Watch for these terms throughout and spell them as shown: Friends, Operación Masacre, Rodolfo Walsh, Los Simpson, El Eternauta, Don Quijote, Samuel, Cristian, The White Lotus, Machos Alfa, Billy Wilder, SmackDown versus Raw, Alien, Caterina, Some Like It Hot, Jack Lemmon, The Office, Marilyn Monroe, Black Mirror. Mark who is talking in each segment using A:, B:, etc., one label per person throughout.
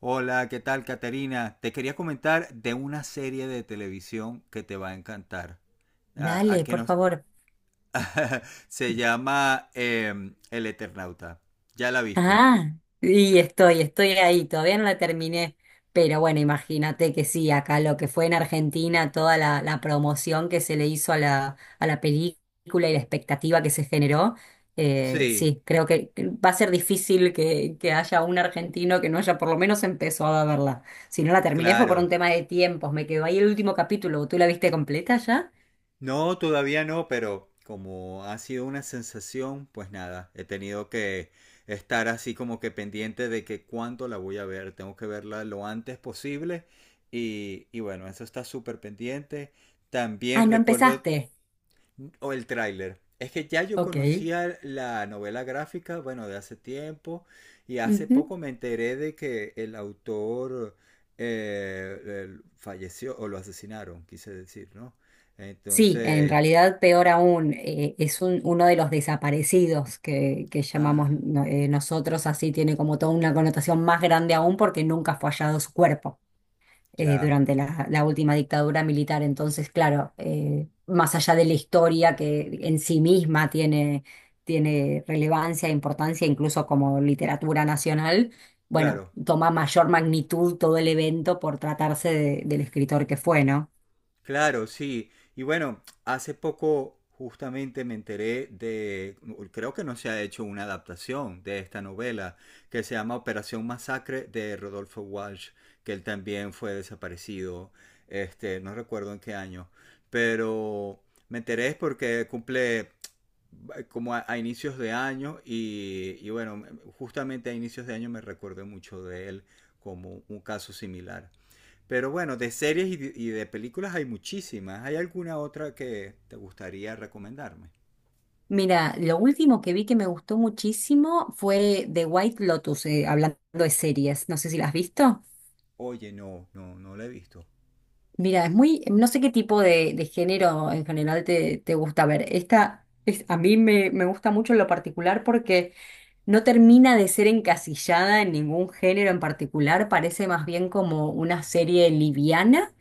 A: Hola, ¿qué tal, Caterina? Te quería comentar de una serie de televisión que te va a encantar. A
B: Dale,
A: que
B: por
A: nos
B: favor.
A: se llama El Eternauta. ¿Ya la viste?
B: Ah, y estoy ahí, todavía no la terminé. Pero bueno, imagínate que sí, acá lo que fue en Argentina, toda la promoción que se le hizo a la película y la expectativa que se generó,
A: Sí,
B: sí, creo que va a ser difícil que haya un argentino que no haya por lo menos empezado a verla. Si no la terminé fue por un
A: claro.
B: tema de tiempos, me quedó ahí el último capítulo. ¿Tú la viste completa ya?
A: No, todavía no, pero como ha sido una sensación, pues nada, he tenido que estar así como que pendiente de que cuándo la voy a ver. Tengo que verla lo antes posible y bueno, eso está súper pendiente. También
B: Ah, no
A: recuerdo
B: empezaste.
A: o el tráiler. Es que ya yo
B: Ok.
A: conocía la novela gráfica, bueno, de hace tiempo, y hace poco me enteré de que el autor falleció o lo asesinaron, quise decir, ¿no?
B: Sí, en
A: Entonces,
B: realidad peor aún, uno de los desaparecidos que llamamos
A: ah,
B: no- nosotros, así tiene como toda una connotación más grande aún porque nunca fue hallado su cuerpo
A: ya,
B: durante la última dictadura militar. Entonces, claro, más allá de la historia que en sí misma tiene, tiene relevancia, e importancia, incluso como literatura nacional, bueno,
A: claro.
B: toma mayor magnitud todo el evento por tratarse del escritor que fue, ¿no?
A: Claro, sí. Y bueno, hace poco justamente me enteré de, creo que no se ha hecho una adaptación de esta novela que se llama Operación Masacre de Rodolfo Walsh, que él también fue desaparecido, este, no recuerdo en qué año, pero me enteré es porque cumple como a inicios de año y bueno, justamente a inicios de año me recordé mucho de él como un caso similar. Pero bueno, de series y de películas hay muchísimas. ¿Hay alguna otra que te gustaría recomendarme?
B: Mira, lo último que vi que me gustó muchísimo fue The White Lotus, hablando de series. No sé si las has visto.
A: Oye, no la he visto.
B: Mira, es muy, no sé qué tipo de género en general te gusta ver. Esta es, a mí me gusta mucho en lo particular porque no termina de ser encasillada en ningún género en particular. Parece más bien como una serie liviana,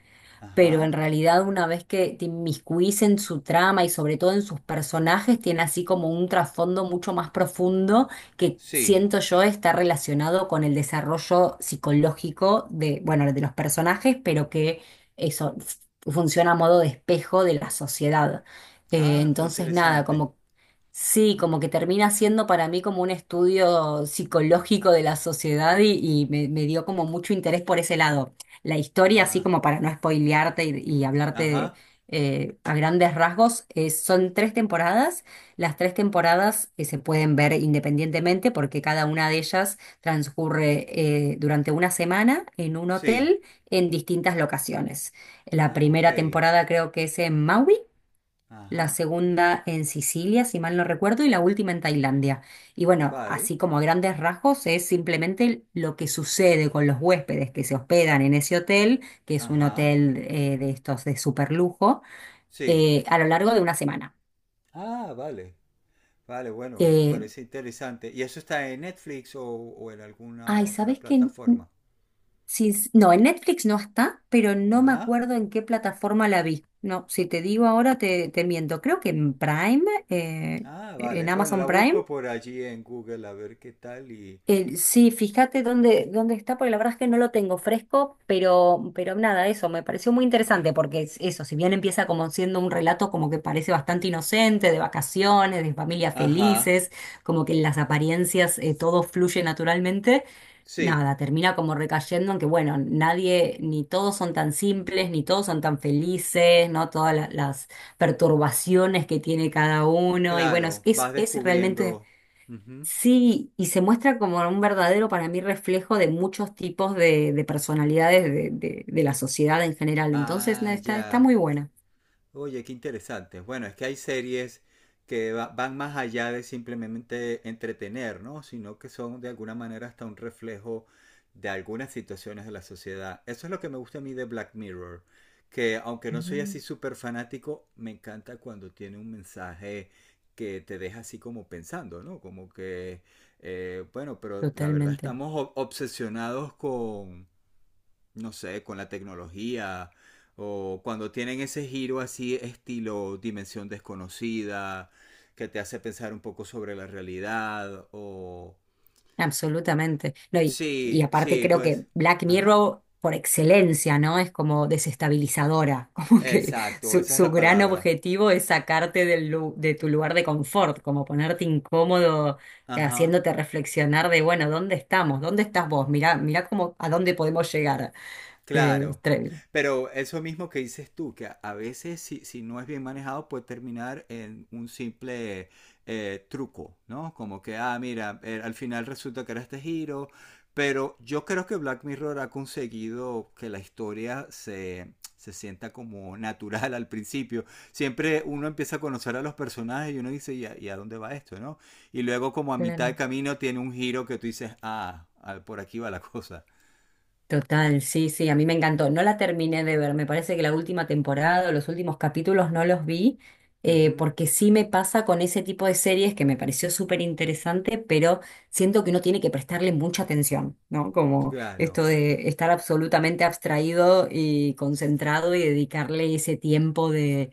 B: pero
A: Ajá.
B: en realidad una vez que te inmiscuís en su trama y sobre todo en sus personajes, tiene así como un trasfondo mucho más profundo que
A: Sí.
B: siento yo está relacionado con el desarrollo psicológico de, bueno, de los personajes, pero que eso f- funciona a modo de espejo de la sociedad.
A: Ah, qué
B: Entonces, nada,
A: interesante.
B: como... Sí, como que termina siendo para mí como un estudio psicológico de la sociedad y me dio como mucho interés por ese lado. La historia, así
A: Ah,
B: como para no spoilearte y hablarte
A: ajá.
B: a grandes rasgos, son tres temporadas. Las tres temporadas se pueden ver independientemente porque cada una de ellas transcurre durante una semana en un
A: Sí.
B: hotel en distintas locaciones. La
A: Ah, ok.
B: primera temporada creo que es en Maui, la
A: Ajá.
B: segunda en Sicilia, si mal no recuerdo, y la última en Tailandia. Y bueno,
A: Vale.
B: así como a grandes rasgos, es simplemente lo que sucede con los huéspedes que se hospedan en ese hotel, que es un
A: Ajá.
B: hotel de estos de super lujo,
A: Sí.
B: a lo largo de una semana.
A: Ah, vale. Vale, bueno,
B: Eh,
A: parece interesante. ¿Y eso está en Netflix o en alguna
B: ay,
A: otra
B: ¿sabes qué?
A: plataforma?
B: Sí, sí, no, en Netflix no está, pero no me
A: Ajá.
B: acuerdo en qué plataforma la vi. No, si te digo ahora te miento. Creo que en Prime, eh,
A: Ah, vale.
B: en
A: Bueno, la
B: Amazon Prime.
A: busco por allí en Google a ver qué tal y,
B: Sí, fíjate dónde, dónde está, porque la verdad es que no lo tengo fresco, pero nada, eso me pareció muy interesante, porque es eso, si bien empieza como siendo un relato como que parece bastante inocente, de vacaciones, de familias
A: ajá.
B: felices, como que en las apariencias todo fluye naturalmente,
A: Sí,
B: nada, termina como recayendo en que, bueno, nadie, ni todos son tan simples, ni todos son tan felices, ¿no? Todas las perturbaciones que tiene cada uno, y bueno, es,
A: claro,
B: es
A: vas
B: es realmente...
A: descubriendo. Ujú.
B: Sí, y se muestra como un verdadero para mí reflejo de muchos tipos de personalidades de la sociedad en general. Entonces, no,
A: Ah,
B: está, está
A: ya.
B: muy buena.
A: Oye, qué interesante. Bueno, es que hay series que van más allá de simplemente entretener, ¿no? Sino que son de alguna manera hasta un reflejo de algunas situaciones de la sociedad. Eso es lo que me gusta a mí de Black Mirror, que aunque no soy
B: Ah,
A: así súper fanático, me encanta cuando tiene un mensaje que te deja así como pensando, ¿no? Como que, bueno, pero la verdad
B: totalmente,
A: estamos obsesionados con no sé, con la tecnología, o cuando tienen ese giro así estilo dimensión desconocida, que te hace pensar un poco sobre la realidad, o...
B: absolutamente. No, y
A: Sí,
B: aparte
A: sí,
B: creo
A: pues...
B: que Black
A: Ajá.
B: Mirror por excelencia, ¿no? Es como desestabilizadora, como que
A: Exacto, esa es
B: su
A: la
B: gran
A: palabra.
B: objetivo es sacarte de tu lugar de confort, como ponerte incómodo,
A: Ajá.
B: haciéndote reflexionar de, bueno, ¿dónde estamos? ¿Dónde estás vos? Mirá, mirá cómo, a dónde podemos llegar. Eh,
A: Claro.
B: estre-
A: Pero eso mismo que dices tú, que a veces si no es bien manejado puede terminar en un simple truco, ¿no? Como que, ah, mira, al final resulta que era este giro, pero yo creo que Black Mirror ha conseguido que la historia se sienta como natural al principio. Siempre uno empieza a conocer a los personajes y uno dice, y a dónde va esto, no? Y luego como a mitad de
B: claro.
A: camino tiene un giro que tú dices, ah, ah, por aquí va la cosa.
B: Total, sí, sí, a mí me encantó. No la terminé de ver, me parece que la última temporada o los últimos capítulos no los vi,
A: Ujú,
B: porque sí me pasa con ese tipo de series que me pareció súper interesante, pero siento que uno tiene que prestarle mucha atención, ¿no? Como
A: claro.
B: esto de estar absolutamente abstraído y concentrado y dedicarle ese tiempo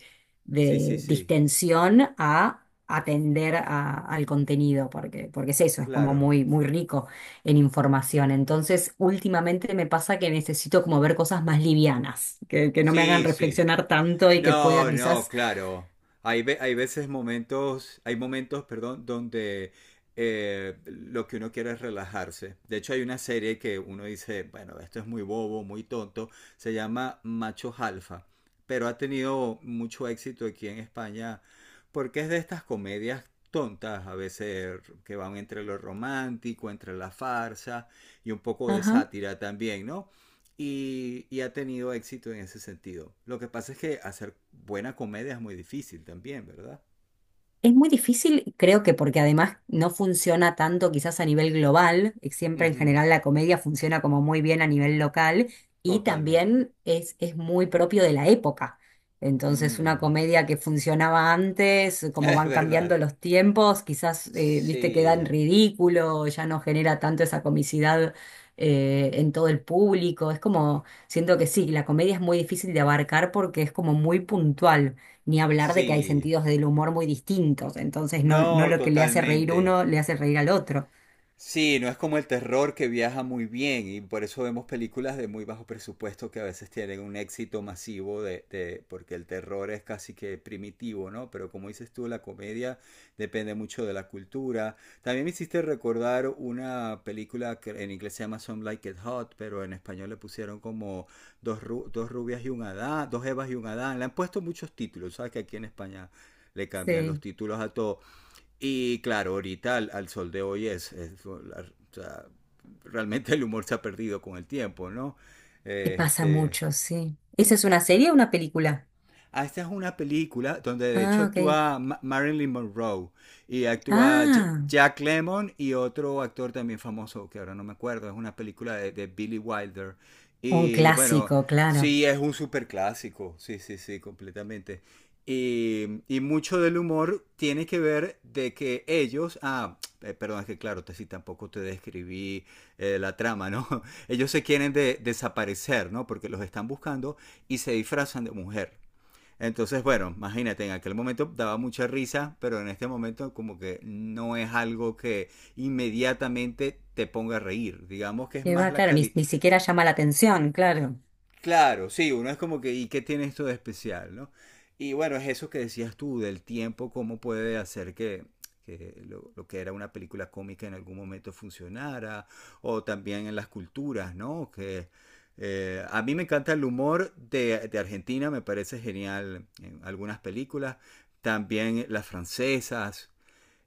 A: Sí, sí,
B: de
A: sí.
B: distensión a atender al contenido, porque, porque es eso, es como
A: Claro.
B: muy, muy rico en información. Entonces, últimamente me pasa que necesito como ver cosas más livianas, que no me hagan
A: Sí, sí.
B: reflexionar tanto y que pueda
A: No, no,
B: quizás...
A: claro. Hay, ve- hay veces momentos, hay momentos, perdón, donde lo que uno quiere es relajarse. De hecho, hay una serie que uno dice, bueno, esto es muy bobo, muy tonto. Se llama Machos Alfa, pero ha tenido mucho éxito aquí en España porque es de estas comedias tontas, a veces que van entre lo romántico, entre la farsa y un poco de sátira también, ¿no? Ha tenido éxito en ese sentido. Lo que pasa es que hacer buena comedia es muy difícil también, ¿verdad?
B: Es muy difícil, creo que porque además no funciona tanto quizás a nivel global,
A: Uh
B: siempre en
A: -huh.
B: general la comedia funciona como muy bien a nivel local y
A: Totalmente.
B: también es muy propio de la época. Entonces una
A: Mm.
B: comedia que funcionaba antes, como
A: Es
B: van
A: verdad.
B: cambiando los tiempos, quizás, viste, queda en
A: Sí.
B: ridículo, ya no genera tanto esa comicidad en todo el público. Es como, siento que sí, la comedia es muy difícil de abarcar porque es como muy puntual. Ni hablar de que hay
A: Sí.
B: sentidos del humor muy distintos, entonces no, no
A: No,
B: lo que le hace reír
A: totalmente.
B: uno le hace reír al otro.
A: Sí, no es como el terror que viaja muy bien y por eso vemos películas de muy bajo presupuesto que a veces tienen un éxito masivo porque el terror es casi que primitivo, ¿no? Pero como dices tú, la comedia depende mucho de la cultura. También me hiciste recordar una película que en inglés se llama Some Like It Hot, pero en español le pusieron como dos rubias y un Adán, dos Evas y un Adán. Le han puesto muchos títulos, ¿sabes? Que aquí en España le cambian los
B: Sí,
A: títulos a todo. Y claro, ahorita al sol de hoy es o sea, realmente el humor se ha perdido con el tiempo, ¿no?
B: y
A: Eh,
B: pasa
A: Este,
B: mucho, sí. ¿Esa es una serie o una película?
A: ah, esta es una película donde de hecho
B: Ah, ok.
A: actúa Marilyn Monroe y actúa
B: Ah,
A: Jack Lemmon y otro actor también famoso que ahora no me acuerdo. Es una película de Billy Wilder.
B: un
A: Y bueno,
B: clásico, claro.
A: sí, es un super clásico. Sí, sí, sí, completamente. Y mucho del humor tiene que ver de que ellos, ah, perdón, es que claro, te, sí, tampoco te describí la trama, ¿no? Ellos se quieren desaparecer, ¿no? Porque los están buscando y se disfrazan de mujer. Entonces, bueno, imagínate, en aquel momento daba mucha risa, pero en este momento como que no es algo que inmediatamente te ponga a reír. Digamos que es
B: Que va,
A: más la,
B: claro, ni,
A: cali
B: ni siquiera llama la atención, claro.
A: claro, sí, uno es como que, ¿y qué tiene esto de especial, no? Y bueno, es eso que decías tú del tiempo, cómo puede hacer que lo que era una película cómica en algún momento funcionara, o también en las culturas, ¿no? Que a mí me encanta el humor de Argentina, me parece genial en algunas películas, también las francesas,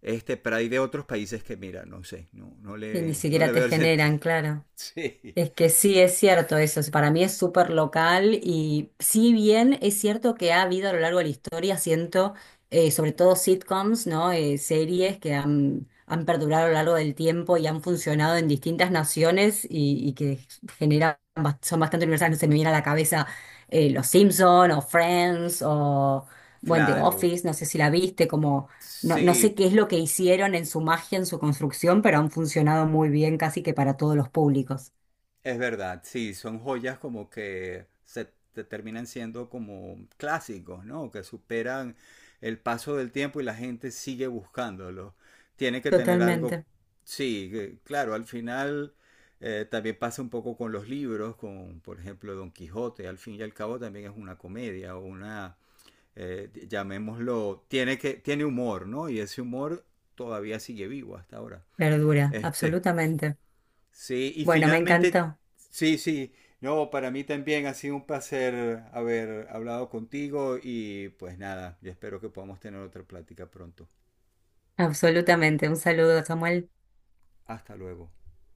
A: este, pero hay de otros países que, mira, no sé,
B: Que ni
A: no le
B: siquiera te
A: veo el sentido.
B: generan, claro.
A: Sí,
B: Es que sí, es cierto eso, para mí es súper local y si bien es cierto que ha habido a lo largo de la historia, siento, sobre todo sitcoms, ¿no? Series que han, han perdurado a lo largo del tiempo y han funcionado en distintas naciones y que generan, son bastante universales, se me viene a la cabeza Los Simpson o Friends o, bueno, The
A: claro,
B: Office, no sé si la viste, como... No, no
A: sí.
B: sé qué
A: Por-
B: es lo que hicieron en su magia, en su construcción, pero han funcionado muy bien casi que para todos los públicos.
A: es verdad, sí, son joyas como que se te terminan siendo como clásicos, ¿no? Que superan el paso del tiempo y la gente sigue buscándolo. Tiene que tener algo,
B: Totalmente.
A: sí, que- claro, al final también pasa un poco con los libros, con, por ejemplo, Don Quijote, al fin y al cabo también es una comedia o una, llamémoslo, tiene que, tiene humor, ¿no? Y ese humor todavía sigue vivo hasta ahora.
B: Verdura,
A: Este,
B: absolutamente.
A: sí, y
B: Bueno, me
A: finalmente,
B: encantó.
A: sí, sí. No, para mí también ha sido un placer haber hablado contigo y pues nada, yo espero que podamos tener otra plática pronto.
B: Absolutamente. Un saludo, Samuel.
A: Hasta luego.